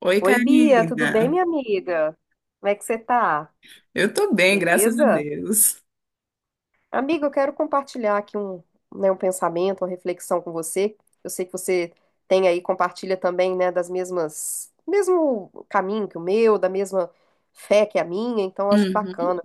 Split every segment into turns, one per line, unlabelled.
Oi,
Oi, Bia, tudo bem,
Karina.
minha amiga? Como é que você tá?
Eu tô bem, graças a
Beleza?
Deus.
Amiga, eu quero compartilhar aqui né, um pensamento, uma reflexão com você. Eu sei que você tem aí, compartilha também, né, mesmo caminho que o meu, da mesma fé que a minha, então acho
Uhum,
bacana.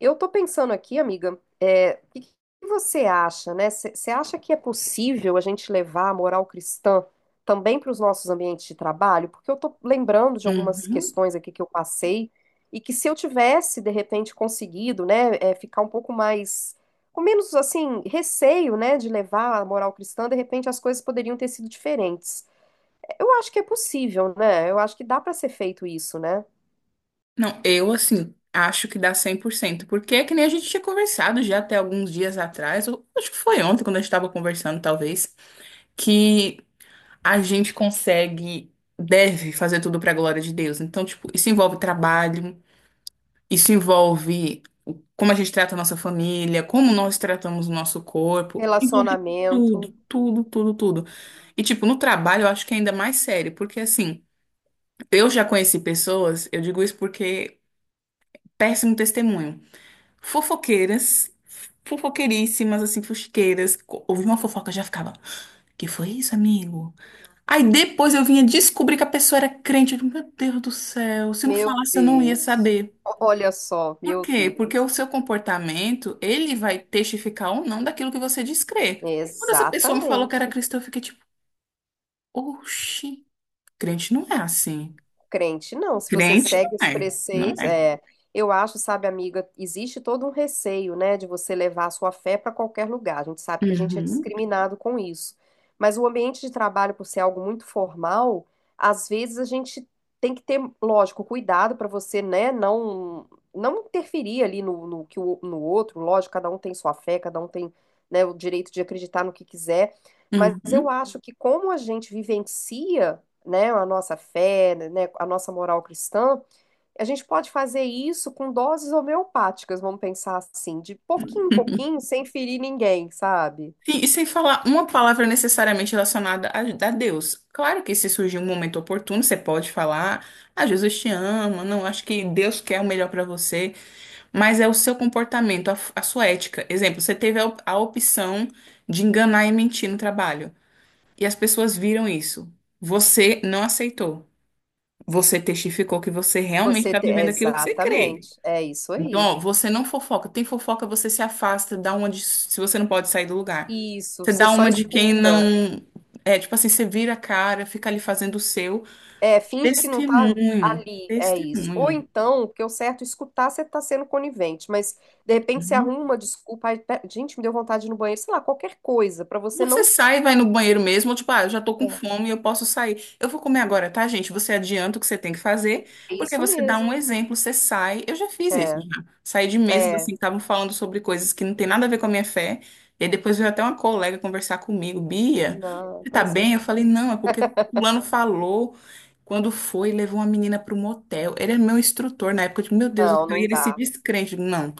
Eu tô pensando aqui, amiga, é, o que você acha, né? Você acha que é possível a gente levar a moral cristã também para os nossos ambientes de trabalho? Porque eu tô lembrando de algumas
uhum.
questões aqui que eu passei e que se eu tivesse, de repente, conseguido, né, é, ficar um pouco mais, com menos, assim, receio, né, de levar a moral cristã, de repente as coisas poderiam ter sido diferentes. Eu acho que é possível, né? Eu acho que dá para ser feito isso, né?
Não, eu, assim, acho que dá 100%, porque é que nem a gente tinha conversado já até alguns dias atrás, ou acho que foi ontem, quando a gente estava conversando, talvez, que a gente consegue, deve fazer tudo para a glória de Deus. Então, tipo, isso envolve trabalho. Isso envolve como a gente trata a nossa família, como nós tratamos o nosso corpo, envolve
Relacionamento.
tudo, tudo, tudo, tudo. E, tipo, no trabalho eu acho que é ainda mais sério, porque, assim, eu já conheci pessoas, eu digo isso porque péssimo testemunho, fofoqueiras, fofoqueiríssimas, assim, fuxiqueiras, ouvi uma fofoca já ficava, que foi isso, amigo? Aí depois eu vinha descobrir que a pessoa era crente, eu digo, meu Deus do céu, se não
Meu
falasse eu não ia
Deus.
saber.
Olha só,
Por
meu
quê? Porque
Deus.
o seu comportamento, ele vai testificar ou não daquilo que você diz crer. Quando essa pessoa me falou que era
Exatamente.
cristã, eu fiquei tipo, oxi, crente não é assim.
Crente, não. Se você
Crente
segue
não
os
é, não
preceitos,
é.
é, eu acho, sabe, amiga, existe todo um receio, né, de você levar a sua fé para qualquer lugar. A gente sabe que a gente é
Uhum,
discriminado com isso. Mas o ambiente de trabalho, por ser algo muito formal, às vezes a gente tem que ter, lógico, cuidado para você, né, não interferir ali no que no outro. Lógico, cada um tem sua fé, cada um tem, né, o direito de acreditar no que quiser. Mas eu
uhum.
acho que como a gente vivencia, né, a nossa fé, né, a nossa moral cristã, a gente pode fazer isso com doses homeopáticas, vamos pensar assim, de pouquinho em pouquinho, sem ferir ninguém, sabe?
Sim, e sem falar uma palavra necessariamente relacionada a Deus. Claro que se surgir um momento oportuno, você pode falar, ah, Jesus te ama, não, acho que Deus quer o melhor para você. Mas é o seu comportamento, a sua ética. Exemplo, você teve a, a opção de enganar e mentir no trabalho. E as pessoas viram isso. Você não aceitou. Você testificou que você realmente está
É,
vivendo aquilo que você
exatamente,
crê.
é isso
Então,
aí.
ó, você não fofoca. Tem fofoca, você se afasta, dá uma de, se você não pode sair do lugar.
Isso,
Você
você
dá
só
uma de quem
escuta.
não. É, tipo assim, você vira a cara, fica ali fazendo o seu.
É, finge que não tá
Testemunho.
ali, é isso. Ou
Testemunho.
então, porque o certo é escutar, você tá sendo conivente, mas de repente você
Uhum.
arruma uma desculpa, ai, gente, me deu vontade de ir no banheiro, sei lá, qualquer coisa, pra você
Você
não.
sai, vai no banheiro mesmo, ou tipo, ah, eu já tô com fome, eu posso sair. Eu vou comer agora, tá, gente? Você adianta o que você tem que fazer,
É
porque
isso
você dá um
mesmo.
exemplo, você sai. Eu já fiz isso,
É,
já. Saí de mesas,
é,
assim, que estavam falando sobre coisas que não tem nada a ver com a minha fé. E aí depois veio até uma colega conversar comigo, Bia,
não,
você tá
pois é.
bem? Eu falei, não, é porque fulano falou. Quando foi, levou uma menina pro motel. Ele era meu instrutor na época, eu digo, meu Deus do
Não,
céu, e
não
ele se
dá.
descrente. Eu digo, não.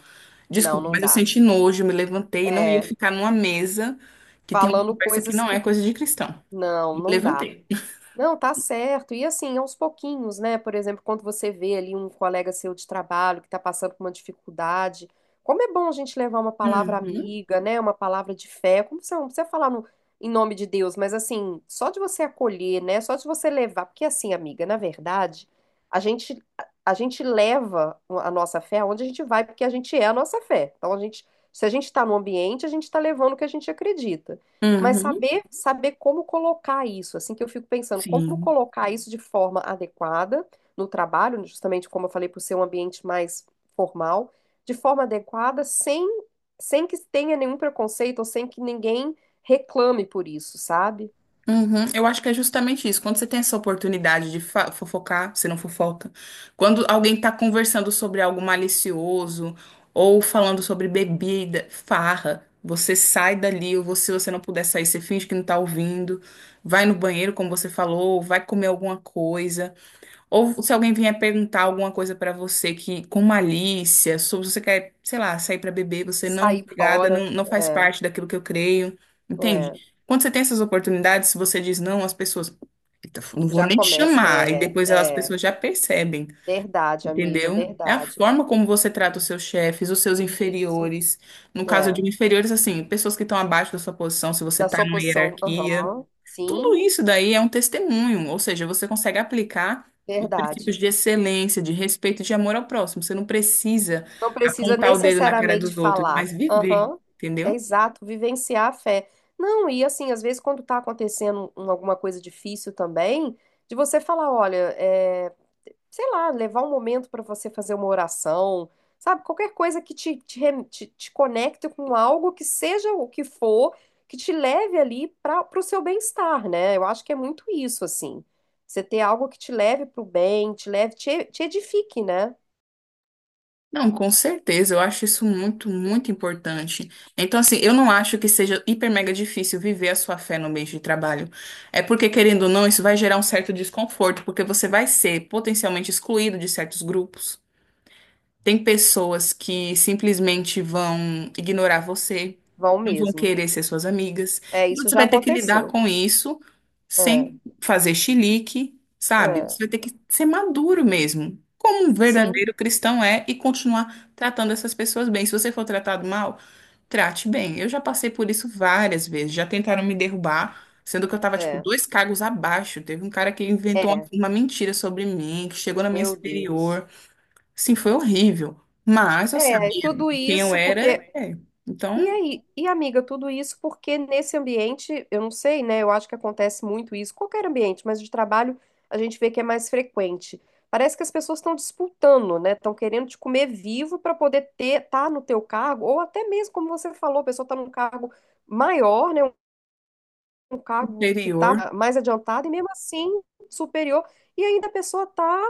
Não,
Desculpa,
não
mas eu
dá.
senti nojo, me levantei, não ia
É,
ficar numa mesa que tem uma
falando
conversa que
coisas
não é
que.
coisa de cristão.
Não,
Me
não dá.
levantei.
Não, tá certo. E assim, aos pouquinhos, né? Por exemplo, quando você vê ali um colega seu de trabalho que tá passando por uma dificuldade, como é bom a gente levar uma palavra
Uhum,
amiga, né? Uma palavra de fé. Como você não precisa falar em nome de Deus, mas assim, só de você acolher, né? Só de você levar. Porque assim, amiga, na verdade, a gente, a gente leva a nossa fé aonde a gente vai, porque a gente é a nossa fé. Então, a gente, se a gente tá no ambiente, a gente tá levando o que a gente acredita. Mas
uhum,
saber como colocar isso, assim que eu fico pensando, como
sim.
colocar isso de forma adequada no trabalho, justamente como eu falei, por ser um ambiente mais formal, de forma adequada, sem que tenha nenhum preconceito ou sem que ninguém reclame por isso, sabe?
Uhum. Eu acho que é justamente isso. Quando você tem essa oportunidade de fofocar, você não fofoca. Quando alguém está conversando sobre algo malicioso ou falando sobre bebida, farra, você sai dali, ou se você não puder sair, você finge que não está ouvindo, vai no banheiro, como você falou, vai comer alguma coisa. Ou se alguém vier perguntar alguma coisa pra você que com malícia, se você quer, sei lá, sair pra beber, você não, é
Sair
obrigada,
fora,
não, não faz
é,
parte daquilo que eu creio, entende?
é,
Quando você tem essas oportunidades, se você diz não, as pessoas, "Eita, não vou
já
nem
começa,
chamar", e
é,
depois as
é,
pessoas já percebem,
verdade, amiga,
entendeu? É a
verdade.
forma como você trata os seus chefes, os seus
Isso,
inferiores. No caso
é,
de inferiores, assim, pessoas que estão abaixo da sua posição, se você
da
tá
sua
numa
posição,
hierarquia.
aham,
Tudo
sim,
isso daí é um testemunho, ou seja, você consegue aplicar os
verdade.
princípios de excelência, de respeito e de amor ao próximo. Você não precisa
Não precisa
apontar o dedo na cara
necessariamente
dos outros,
falar.
mas viver,
Aham, é
entendeu?
exato, vivenciar a fé. Não, e assim, às vezes quando tá acontecendo alguma coisa difícil também, de você falar, olha, é, sei lá, levar um momento para você fazer uma oração, sabe? Qualquer coisa que te conecte com algo que seja o que for, que te leve ali para o seu bem-estar, né? Eu acho que é muito isso, assim. Você ter algo que te leve pro bem, te edifique, né?
Não, com certeza, eu acho isso muito, muito importante. Então, assim, eu não acho que seja hiper mega difícil viver a sua fé no meio de trabalho. É porque, querendo ou não, isso vai gerar um certo desconforto, porque você vai ser potencialmente excluído de certos grupos. Tem pessoas que simplesmente vão ignorar você,
Vão
não vão
mesmo.
querer ser suas amigas.
É,
E
isso
você
já
vai ter que lidar
aconteceu.
com isso
É,
sem fazer chilique, sabe?
é,
Você vai ter que ser maduro mesmo, como um
sim,
verdadeiro cristão é, e continuar tratando essas pessoas bem. Se você for tratado mal, trate bem. Eu já passei por isso várias vezes. Já tentaram me derrubar, sendo que eu tava, tipo,
é,
dois cargos abaixo. Teve um cara que inventou uma
é,
uma mentira sobre mim, que chegou na minha
meu Deus.
superior. Sim, foi horrível. Mas eu
É, e
sabia
tudo
quem eu
isso
era.
porque.
É.
E
Então,
aí, e amiga, tudo isso porque nesse ambiente, eu não sei, né? Eu acho que acontece muito isso, qualquer ambiente, mas de trabalho a gente vê que é mais frequente. Parece que as pessoas estão disputando, né? Estão querendo te comer vivo para poder ter, tá no teu cargo, ou até mesmo, como você falou, a pessoa está num cargo maior, né? Um cargo que
interior.
está mais adiantado e mesmo assim superior. E ainda a pessoa está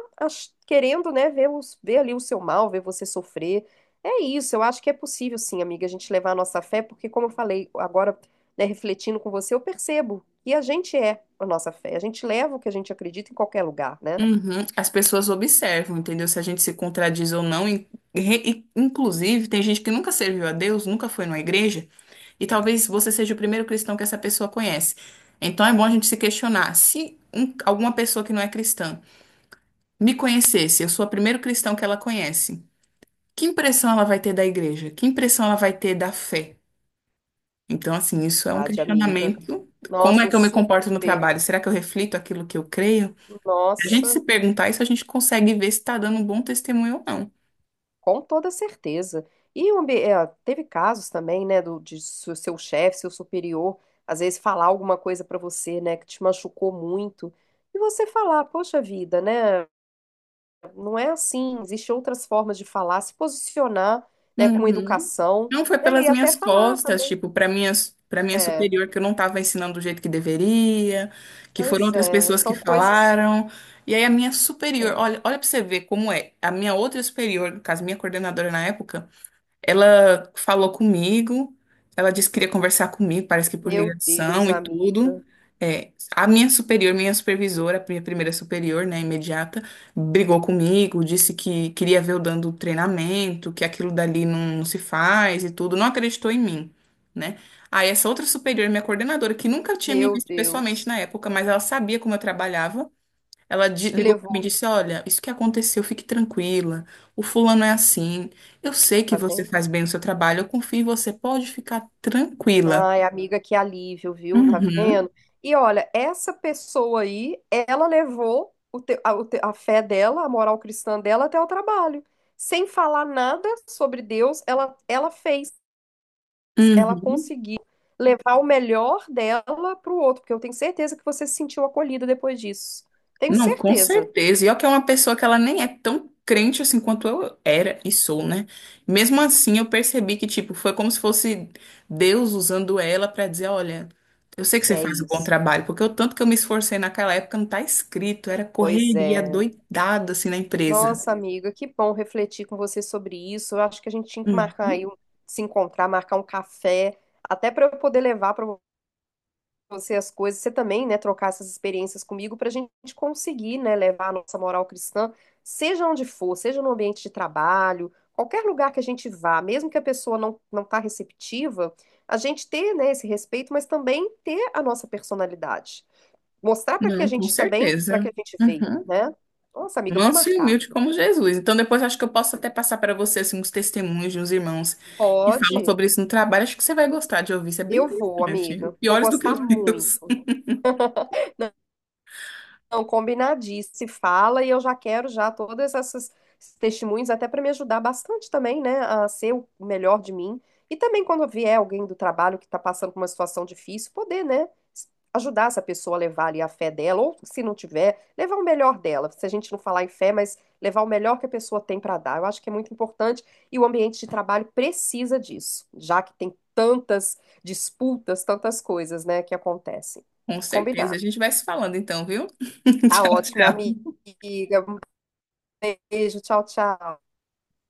querendo, né, ver ali o seu mal, ver você sofrer. É isso, eu acho que é possível, sim, amiga, a gente levar a nossa fé, porque, como eu falei agora, né, refletindo com você, eu percebo que a gente é a nossa fé. A gente leva o que a gente acredita em qualquer lugar, né?
Uhum. As pessoas observam, entendeu? Se a gente se contradiz ou não. Inclusive, tem gente que nunca serviu a Deus, nunca foi numa igreja, e talvez você seja o primeiro cristão que essa pessoa conhece. Então, é bom a gente se questionar. Se alguma pessoa que não é cristã me conhecesse, eu sou o primeiro cristão que ela conhece, que impressão ela vai ter da igreja? Que impressão ela vai ter da fé? Então, assim, isso é um
Verdade, amiga.
questionamento. Como
Nossa,
é
um
que eu me comporto no
super.
trabalho? Será que eu reflito aquilo que eu creio? Se a gente
Nossa.
se perguntar isso, a gente consegue ver se está dando um bom testemunho ou não.
Com toda certeza. É, teve casos também, né, de seu chefe, seu superior, às vezes falar alguma coisa pra você, né, que te machucou muito, e você falar, poxa vida, né, não é assim, existem outras formas de falar, se posicionar, né, com
Uhum.
educação,
Não foi
né, e
pelas
até
minhas
falar
costas,
também.
tipo, para minha
É,
superior que eu não estava ensinando do jeito que deveria, que foram
pois
outras
é,
pessoas que
são coisas.
falaram. E aí a minha superior,
É.
olha, olha para você ver como é. A minha outra superior, no caso, minha coordenadora na época, ela falou comigo, ela disse que queria conversar comigo, parece que por
Meu Deus,
ligação e tudo.
amiga,
É, a minha superior, minha supervisora, a minha primeira superior, né, imediata, brigou comigo, disse que queria ver eu dando treinamento, que aquilo dali não, não se faz e tudo, não acreditou em mim, né? Aí essa outra superior, minha coordenadora, que nunca tinha me
meu
visto pessoalmente
Deus,
na época, mas ela sabia como eu trabalhava, ela
te
ligou para
levou,
mim e disse: Olha, isso que aconteceu, fique tranquila. O fulano é assim. Eu sei que
tá
você
vendo?
faz bem o seu trabalho, eu confio em você, pode ficar tranquila.
Ai, amiga, que alívio, viu? Tá
Uhum,
vendo? E olha, essa pessoa aí, ela levou a fé dela, a moral cristã dela até o trabalho. Sem falar nada sobre Deus, ela fez, ela
uhum.
conseguiu levar o melhor dela para o outro, porque eu tenho certeza que você se sentiu acolhida depois disso. Tenho
Não, com
certeza.
certeza. E olha que é uma pessoa que ela nem é tão crente assim quanto eu era e sou, né? Mesmo assim, eu percebi que, tipo, foi como se fosse Deus usando ela para dizer: Olha. Eu sei que você
É
faz um bom
isso.
trabalho, porque o tanto que eu me esforcei naquela época não tá escrito, era
Pois
correria
é.
doidada assim na empresa.
Nossa, amiga, que bom refletir com você sobre isso. Eu acho que a gente tinha que
Hum.
marcar aí, se encontrar, marcar um café, até para eu poder levar para você as coisas, você também, né, trocar essas experiências comigo para a gente conseguir, né, levar a nossa moral cristã, seja onde for, seja no ambiente de trabalho, qualquer lugar que a gente vá, mesmo que a pessoa não tá receptiva, a gente ter, né, esse respeito, mas também ter a nossa personalidade. Mostrar para que a
Não, com
gente também, para que
certeza.
a gente veio,
Uhum.
né? Nossa, amiga, eu vou
Manso e
marcar.
humilde como Jesus. Então, depois acho que eu posso até passar para você assim, uns testemunhos de uns irmãos que falam
Pode.
sobre isso no trabalho. Acho que você vai gostar de ouvir. Isso é bem
Eu vou,
interessante.
amiga. Vou
Piores do que
gostar
os meus.
muito. Não, combinadíssimo. Se fala e eu já quero já todas essas esses testemunhos até para me ajudar bastante também, né, a ser o melhor de mim. E também quando vier alguém do trabalho que está passando por uma situação difícil, poder, né, ajudar essa pessoa a levar ali a fé dela, ou se não tiver, levar o melhor dela. Se a gente não falar em fé, mas levar o melhor que a pessoa tem para dar. Eu acho que é muito importante e o ambiente de trabalho precisa disso, já que tem tantas disputas, tantas coisas, né, que acontecem.
Com certeza.
Combinado.
A gente vai se falando então, viu?
Tá
Tchau,
ótimo, minha
tchau.
amiga. Um beijo, tchau, tchau.